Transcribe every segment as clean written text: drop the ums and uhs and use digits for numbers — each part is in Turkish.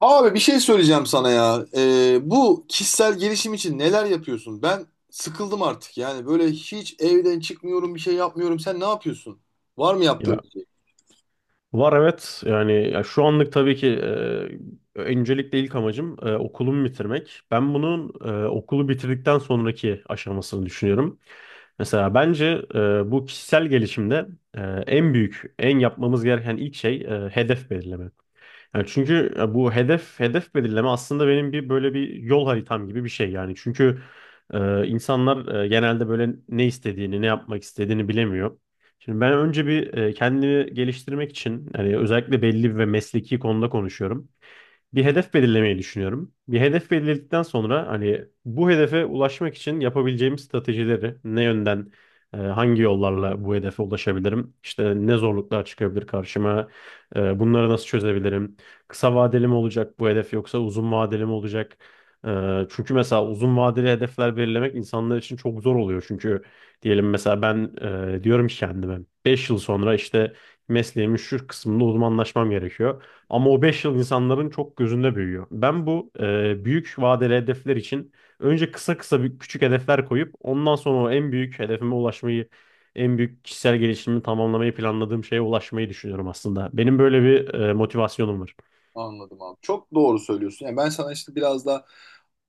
Abi bir şey söyleyeceğim sana ya. Bu kişisel gelişim için neler yapıyorsun? Ben sıkıldım artık. Yani böyle hiç evden çıkmıyorum, bir şey yapmıyorum. Sen ne yapıyorsun? Var mı yaptığın Ya, bir şey? var evet yani ya şu anlık tabii ki, öncelikle ilk amacım okulumu bitirmek. Ben bunun okulu bitirdikten sonraki aşamasını düşünüyorum. Mesela bence bu kişisel gelişimde e, en büyük, en yapmamız gereken ilk şey hedef belirleme. Yani çünkü bu hedef belirleme aslında benim bir böyle bir yol haritam gibi bir şey yani. Çünkü insanlar genelde böyle ne istediğini, ne yapmak istediğini bilemiyor. Şimdi ben önce bir kendimi geliştirmek için hani özellikle belli ve mesleki konuda konuşuyorum, bir hedef belirlemeyi düşünüyorum. Bir hedef belirledikten sonra hani bu hedefe ulaşmak için yapabileceğim stratejileri ne yönden, hangi yollarla bu hedefe ulaşabilirim? İşte ne zorluklar çıkabilir karşıma? Bunları nasıl çözebilirim? Kısa vadeli mi olacak bu hedef yoksa uzun vadeli mi olacak? Çünkü mesela uzun vadeli hedefler belirlemek insanlar için çok zor oluyor. Çünkü diyelim mesela ben diyorum ki kendime, 5 yıl sonra işte mesleğimin şu kısmında uzmanlaşmam gerekiyor. Ama o 5 yıl insanların çok gözünde büyüyor. Ben bu büyük vadeli hedefler için önce kısa kısa bir küçük hedefler koyup ondan sonra o en büyük hedefime ulaşmayı, en büyük kişisel gelişimimi tamamlamayı planladığım şeye ulaşmayı düşünüyorum aslında. Benim böyle bir motivasyonum var. Anladım abi. Çok doğru söylüyorsun. Yani ben sana işte biraz da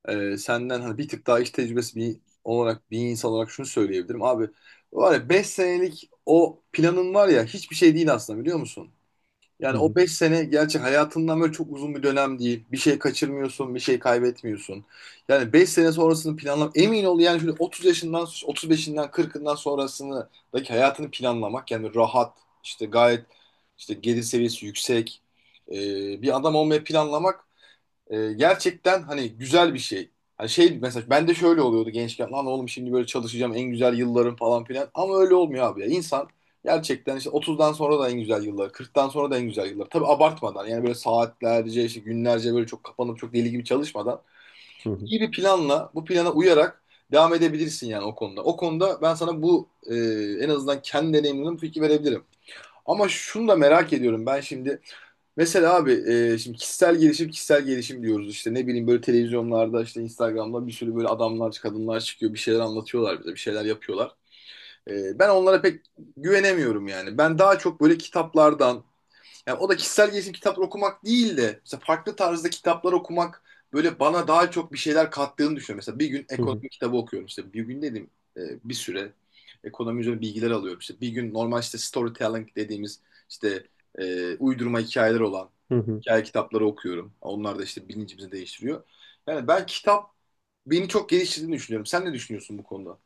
senden hani bir tık daha iş tecrübesi bir olarak bir insan olarak şunu söyleyebilirim. Abi var ya, 5 senelik o planın var ya, hiçbir şey değil aslında, biliyor musun? Hı Yani o hı, 5 sene gerçi hayatından böyle çok uzun bir dönem değil. Bir şey kaçırmıyorsun, bir şey kaybetmiyorsun. Yani 5 sene sonrasını planlam, emin ol, yani şöyle 30 yaşından, 35'inden, 40'ından sonrasındaki hayatını planlamak, yani rahat işte, gayet işte gelir seviyesi yüksek e, bir adam olmayı planlamak gerçekten hani güzel bir şey. Hani şey, mesela ben de şöyle oluyordu gençken. Lan oğlum, şimdi böyle çalışacağım, en güzel yıllarım falan filan. Ama öyle olmuyor abi ya. İnsan gerçekten işte 30'dan sonra da en güzel yılları, 40'tan sonra da en güzel yılları. Tabii abartmadan, yani böyle saatlerce işte, günlerce böyle çok kapanıp çok deli gibi çalışmadan, hı hı, iyi bir planla, bu plana uyarak devam edebilirsin yani o konuda. O konuda ben sana bu en azından kendi deneyimimden fikir verebilirim. Ama şunu da merak ediyorum ben şimdi. Mesela abi, şimdi kişisel gelişim kişisel gelişim diyoruz, işte ne bileyim, böyle televizyonlarda, işte Instagram'da bir sürü böyle adamlar, kadınlar çıkıyor, bir şeyler anlatıyorlar bize, bir şeyler yapıyorlar. Ben onlara pek güvenemiyorum yani. Ben daha çok böyle kitaplardan, yani o da kişisel gelişim kitapları okumak değil de mesela farklı tarzda kitaplar okumak böyle bana daha çok bir şeyler kattığını düşünüyorum. Mesela bir gün hı hı, ekonomi kitabı okuyorum, işte bir gün dedim bir süre ekonomi üzerine bilgiler alıyorum, işte bir gün normal işte storytelling dediğimiz işte uydurma hikayeler olan hı hı. hikaye kitapları okuyorum. Onlar da işte bilincimizi değiştiriyor. Yani ben kitap beni çok geliştirdiğini düşünüyorum. Sen ne düşünüyorsun bu konuda?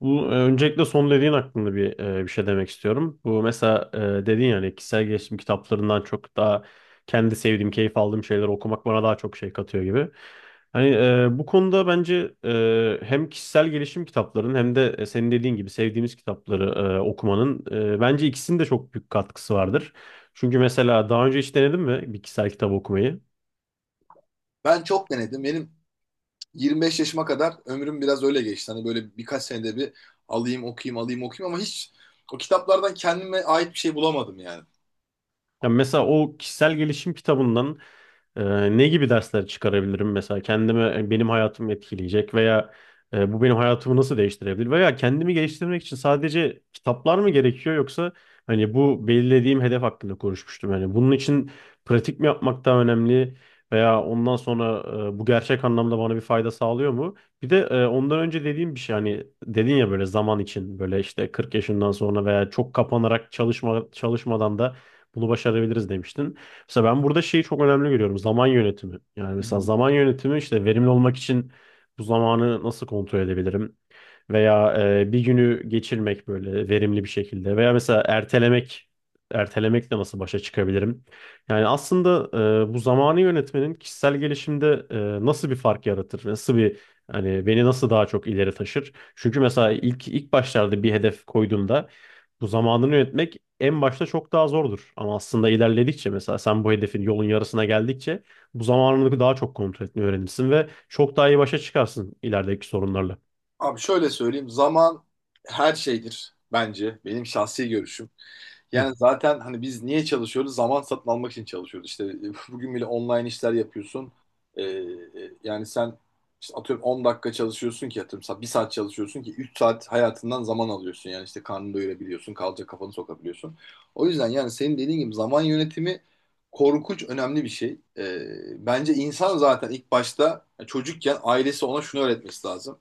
Bu, öncelikle son dediğin hakkında bir şey demek istiyorum. Bu mesela dedin yani kişisel gelişim kitaplarından çok daha kendi sevdiğim, keyif aldığım şeyleri okumak bana daha çok şey katıyor gibi. Hani bu konuda bence hem kişisel gelişim kitaplarının hem de senin dediğin gibi sevdiğimiz kitapları okumanın bence ikisinin de çok büyük katkısı vardır. Çünkü mesela daha önce hiç denedin mi bir kişisel kitap okumayı? Ben çok denedim. Benim 25 yaşıma kadar ömrüm biraz öyle geçti. Hani böyle birkaç senede bir alayım okuyayım, alayım okuyayım, ama hiç o kitaplardan kendime ait bir şey bulamadım yani. Ya mesela o kişisel gelişim kitabından ne gibi dersler çıkarabilirim mesela kendime benim hayatımı etkileyecek veya bu benim hayatımı nasıl değiştirebilir veya kendimi geliştirmek için sadece kitaplar mı gerekiyor yoksa hani bu belirlediğim hedef hakkında konuşmuştum yani bunun için pratik mi yapmak daha önemli veya ondan sonra bu gerçek anlamda bana bir fayda sağlıyor mu? Bir de ondan önce dediğim bir şey, hani dedin ya böyle zaman için böyle işte 40 yaşından sonra veya çok kapanarak çalışmadan da bunu başarabiliriz demiştin. Mesela ben burada şeyi çok önemli görüyorum. Zaman yönetimi. Yani Hı mesela hı. zaman yönetimi işte verimli olmak için bu zamanı nasıl kontrol edebilirim? Veya bir günü geçirmek böyle verimli bir şekilde. Veya mesela ertelemek. Ertelemekle nasıl başa çıkabilirim? Yani aslında bu zamanı yönetmenin kişisel gelişimde nasıl bir fark yaratır? Nasıl bir, hani beni nasıl daha çok ileri taşır? Çünkü mesela ilk başlarda bir hedef koyduğumda bu zamanını yönetmek en başta çok daha zordur. Ama aslında ilerledikçe mesela sen bu hedefin yolun yarısına geldikçe bu zamanını daha çok kontrol etmeyi öğrenirsin ve çok daha iyi başa çıkarsın ilerideki sorunlarla. Abi şöyle söyleyeyim, zaman her şeydir bence, benim şahsi görüşüm. Hı Yani zaten hani biz niye çalışıyoruz? Zaman satın almak için çalışıyoruz. İşte bugün bile online işler yapıyorsun. Ee, e, yani sen işte atıyorum 10 dakika çalışıyorsun ki, atıyorum 1 saat çalışıyorsun ki 3 saat hayatından zaman alıyorsun. Yani işte karnını doyurabiliyorsun, kalacak kafanı sokabiliyorsun. O yüzden yani senin dediğin gibi zaman yönetimi korkunç önemli bir şey. Bence insan zaten ilk başta, yani çocukken, ailesi ona şunu öğretmesi lazım.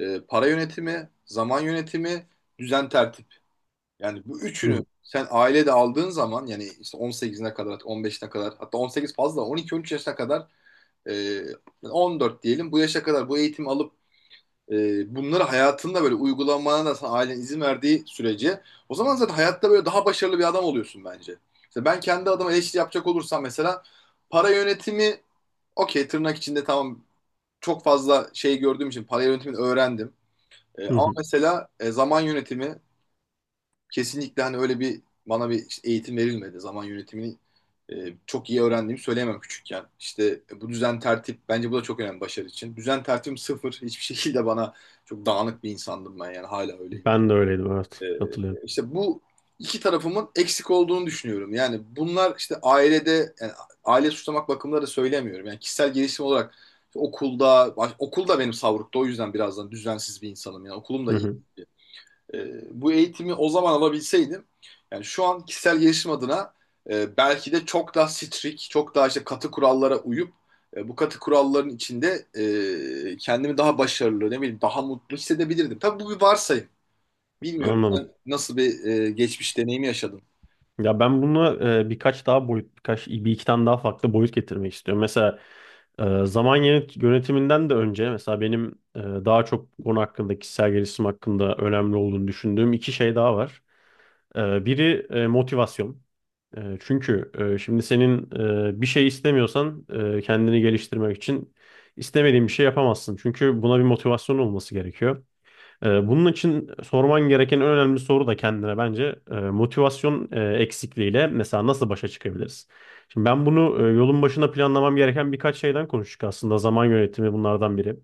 Para yönetimi, zaman yönetimi, düzen tertip. Yani bu üçünü hı, sen ailede aldığın zaman, yani işte 18'ine kadar, 15'ine kadar, hatta 18 fazla, 12-13 yaşına kadar, e, 14 diyelim, bu yaşa kadar bu eğitimi alıp bunları hayatında böyle uygulamana da sana ailen izin verdiği sürece, o zaman zaten hayatta böyle daha başarılı bir adam oluyorsun bence. İşte ben kendi adıma eleştiri yapacak olursam, mesela para yönetimi, okey, tırnak içinde, tamam, çok fazla şey gördüğüm için para yönetimini öğrendim. E, hı ama hı. mesela zaman yönetimi, kesinlikle hani öyle bir bana bir işte eğitim verilmedi. Zaman yönetimini e, çok iyi öğrendiğimi söyleyemem küçükken. İşte bu düzen tertip, bence bu da çok önemli başarı için. Düzen tertibim sıfır. Hiçbir şekilde bana, çok dağınık bir insandım ben, yani hala öyleyim. Ben de öyleydim, evet, E, katılıyorum. işte bu iki tarafımın eksik olduğunu düşünüyorum. Yani bunlar işte ailede, yani aile suçlamak bakımında da söylemiyorum. Yani kişisel gelişim olarak okulda okulda benim savrukta, o yüzden birazdan düzensiz bir insanım, yani okulum Hı da iyi, hı. Bu eğitimi o zaman alabilseydim, yani şu an kişisel gelişim adına belki de çok daha strict, çok daha işte katı kurallara uyup bu katı kuralların içinde kendimi daha başarılı, ne bileyim daha mutlu hissedebilirdim. Tabii bu bir varsayım. Bilmiyorum Anladım. sen nasıl bir geçmiş deneyimi yaşadın. Ya ben bunu birkaç daha boyut, birkaç bir iki tane daha farklı boyut getirmek istiyorum. Mesela zaman yönetiminden de önce mesela benim daha çok bu konu hakkında, kişisel gelişim hakkında önemli olduğunu düşündüğüm iki şey daha var. Biri motivasyon. Çünkü şimdi senin bir şey istemiyorsan, kendini geliştirmek için istemediğin bir şey yapamazsın. Çünkü buna bir motivasyon olması gerekiyor. Bunun için sorman gereken en önemli soru da kendine bence motivasyon eksikliğiyle mesela nasıl başa çıkabiliriz? Şimdi ben bunu, yolun başına planlamam gereken birkaç şeyden konuştuk aslında. Zaman yönetimi bunlardan biri.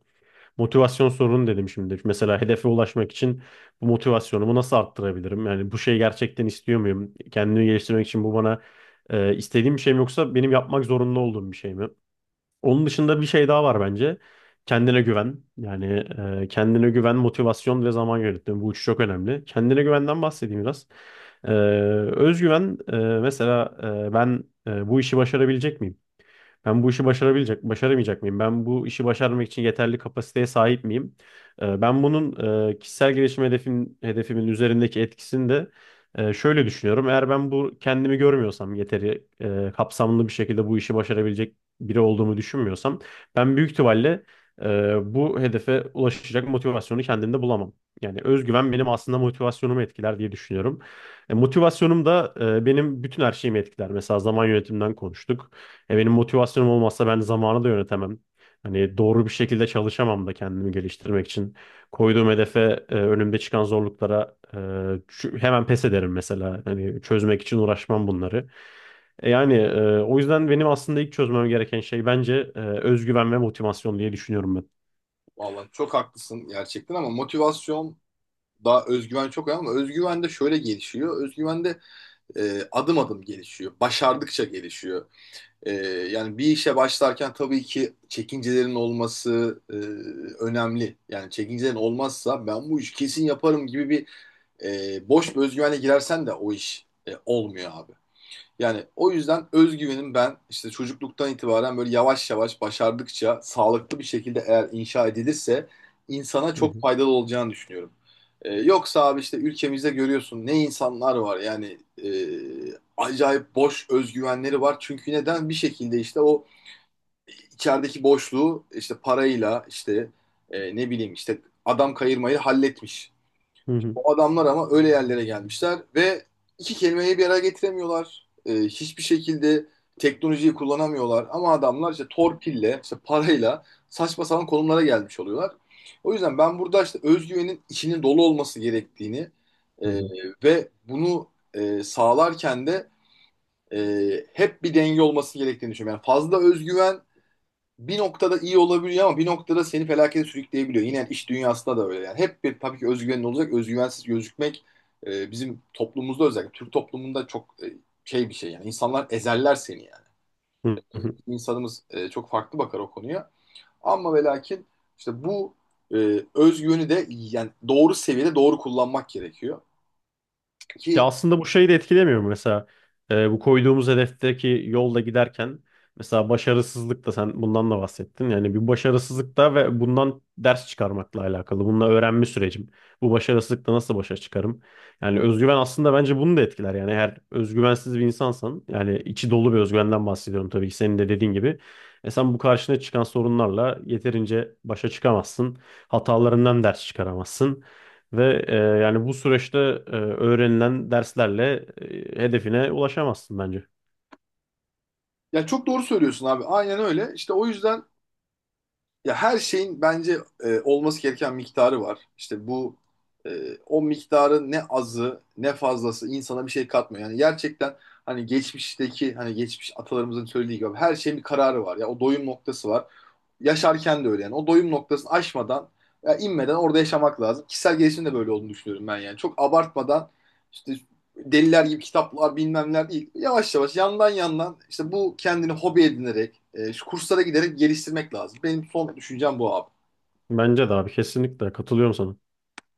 Motivasyon sorunu dedim şimdi. Mesela hedefe ulaşmak için bu motivasyonumu nasıl arttırabilirim? Yani bu şeyi gerçekten istiyor muyum? Kendimi geliştirmek için bu bana istediğim bir şey mi yoksa benim yapmak zorunda olduğum bir şey mi? Onun dışında bir şey daha var bence. Kendine güven. Yani kendine güven, motivasyon ve zaman yönetimi. Bu üçü çok önemli. Kendine güvenden bahsedeyim biraz. E, Özgüven mesela, ben bu işi başarabilecek miyim? Ben bu işi başarabilecek, başaramayacak mıyım? Ben bu işi başarmak için yeterli kapasiteye sahip miyim? Ben bunun kişisel gelişim hedefim, hedefimin üzerindeki etkisini de şöyle düşünüyorum. Eğer ben bu kendimi görmüyorsam yeteri kapsamlı bir şekilde bu işi başarabilecek biri olduğumu düşünmüyorsam, ben büyük ihtimalle bu hedefe ulaşacak motivasyonu kendimde bulamam. Yani özgüven benim aslında motivasyonumu etkiler diye düşünüyorum. Motivasyonum da benim bütün her şeyimi etkiler. Mesela zaman yönetiminden konuştuk. Benim motivasyonum olmazsa ben zamanı da yönetemem. Hani doğru bir şekilde çalışamam da kendimi geliştirmek için. Koyduğum hedefe, önümde çıkan zorluklara, hemen pes ederim mesela. Hani çözmek için uğraşmam bunları. Yani o yüzden benim aslında ilk çözmem gereken şey bence özgüven ve motivasyon diye düşünüyorum ben. Vallahi çok haklısın gerçekten, ama motivasyon, daha özgüven çok önemli, ama özgüven de şöyle gelişiyor. Özgüven de adım adım gelişiyor. Başardıkça gelişiyor. Ee, yani bir işe başlarken tabii ki çekincelerin olması önemli. Yani çekincelerin olmazsa, ben bu işi kesin yaparım gibi bir boş bir özgüvenle girersen de o iş olmuyor abi. Yani o yüzden özgüvenim, ben işte çocukluktan itibaren böyle yavaş yavaş başardıkça sağlıklı bir şekilde eğer inşa edilirse insana Hı çok hı, faydalı olacağını düşünüyorum. Yoksa abi işte ülkemizde görüyorsun ne insanlar var yani, e, acayip boş özgüvenleri var. Çünkü neden, bir şekilde işte o içerideki boşluğu işte parayla, işte ne bileyim işte adam kayırmayı halletmiş. hı hı, O adamlar ama öyle yerlere gelmişler ve iki kelimeyi bir araya getiremiyorlar. Hiçbir şekilde teknolojiyi kullanamıyorlar. Ama adamlar işte torpille, işte parayla saçma sapan konumlara gelmiş oluyorlar. O yüzden ben burada işte özgüvenin içinin dolu olması gerektiğini e, hı ve bunu sağlarken de hep bir denge olması gerektiğini düşünüyorum. Yani fazla özgüven bir noktada iyi olabiliyor, ama bir noktada seni felakete sürükleyebiliyor. Yine iş dünyasında da öyle. Yani hep bir tabii ki özgüvenin olacak. Özgüvensiz gözükmek bizim toplumumuzda, özellikle Türk toplumunda çok şey bir şey yani. İnsanlar ezerler seni yani. hı, hı hı. İnsanımız çok farklı bakar o konuya. Ama ve lakin, işte bu e, özgüveni de yani doğru seviyede doğru kullanmak gerekiyor. Ya Ki aslında bu şeyi de etkilemiyor mu? Mesela bu koyduğumuz hedefteki yolda giderken mesela başarısızlık da, sen bundan da bahsettin. Yani bir başarısızlık da ve bundan ders çıkarmakla alakalı. Bununla öğrenme sürecim. Bu başarısızlıkta nasıl başa çıkarım? Yani özgüven aslında bence bunu da etkiler. Yani eğer özgüvensiz bir insansan, yani içi dolu bir özgüvenden bahsediyorum tabii ki, senin de dediğin gibi. Sen bu karşına çıkan sorunlarla yeterince başa çıkamazsın. Hatalarından ders çıkaramazsın. Ve yani bu süreçte öğrenilen derslerle hedefine ulaşamazsın bence. yani çok doğru söylüyorsun abi. Aynen öyle. İşte o yüzden. Ya, her şeyin bence olması gereken miktarı var. İşte bu o miktarın ne azı ne fazlası insana bir şey katmıyor. Yani gerçekten hani geçmiş atalarımızın söylediği gibi her şeyin bir kararı var. Ya o doyum noktası var. Yaşarken de öyle yani. O doyum noktasını aşmadan, ya inmeden orada yaşamak lazım. Kişisel gelişim de böyle olduğunu düşünüyorum ben yani. Çok abartmadan, işte deliler gibi kitaplar bilmem neler değil. Yavaş yavaş, yandan yandan işte bu kendini hobi edinerek şu kurslara giderek geliştirmek lazım. Benim son düşüncem bu abi. Bence de abi, kesinlikle katılıyorum sana.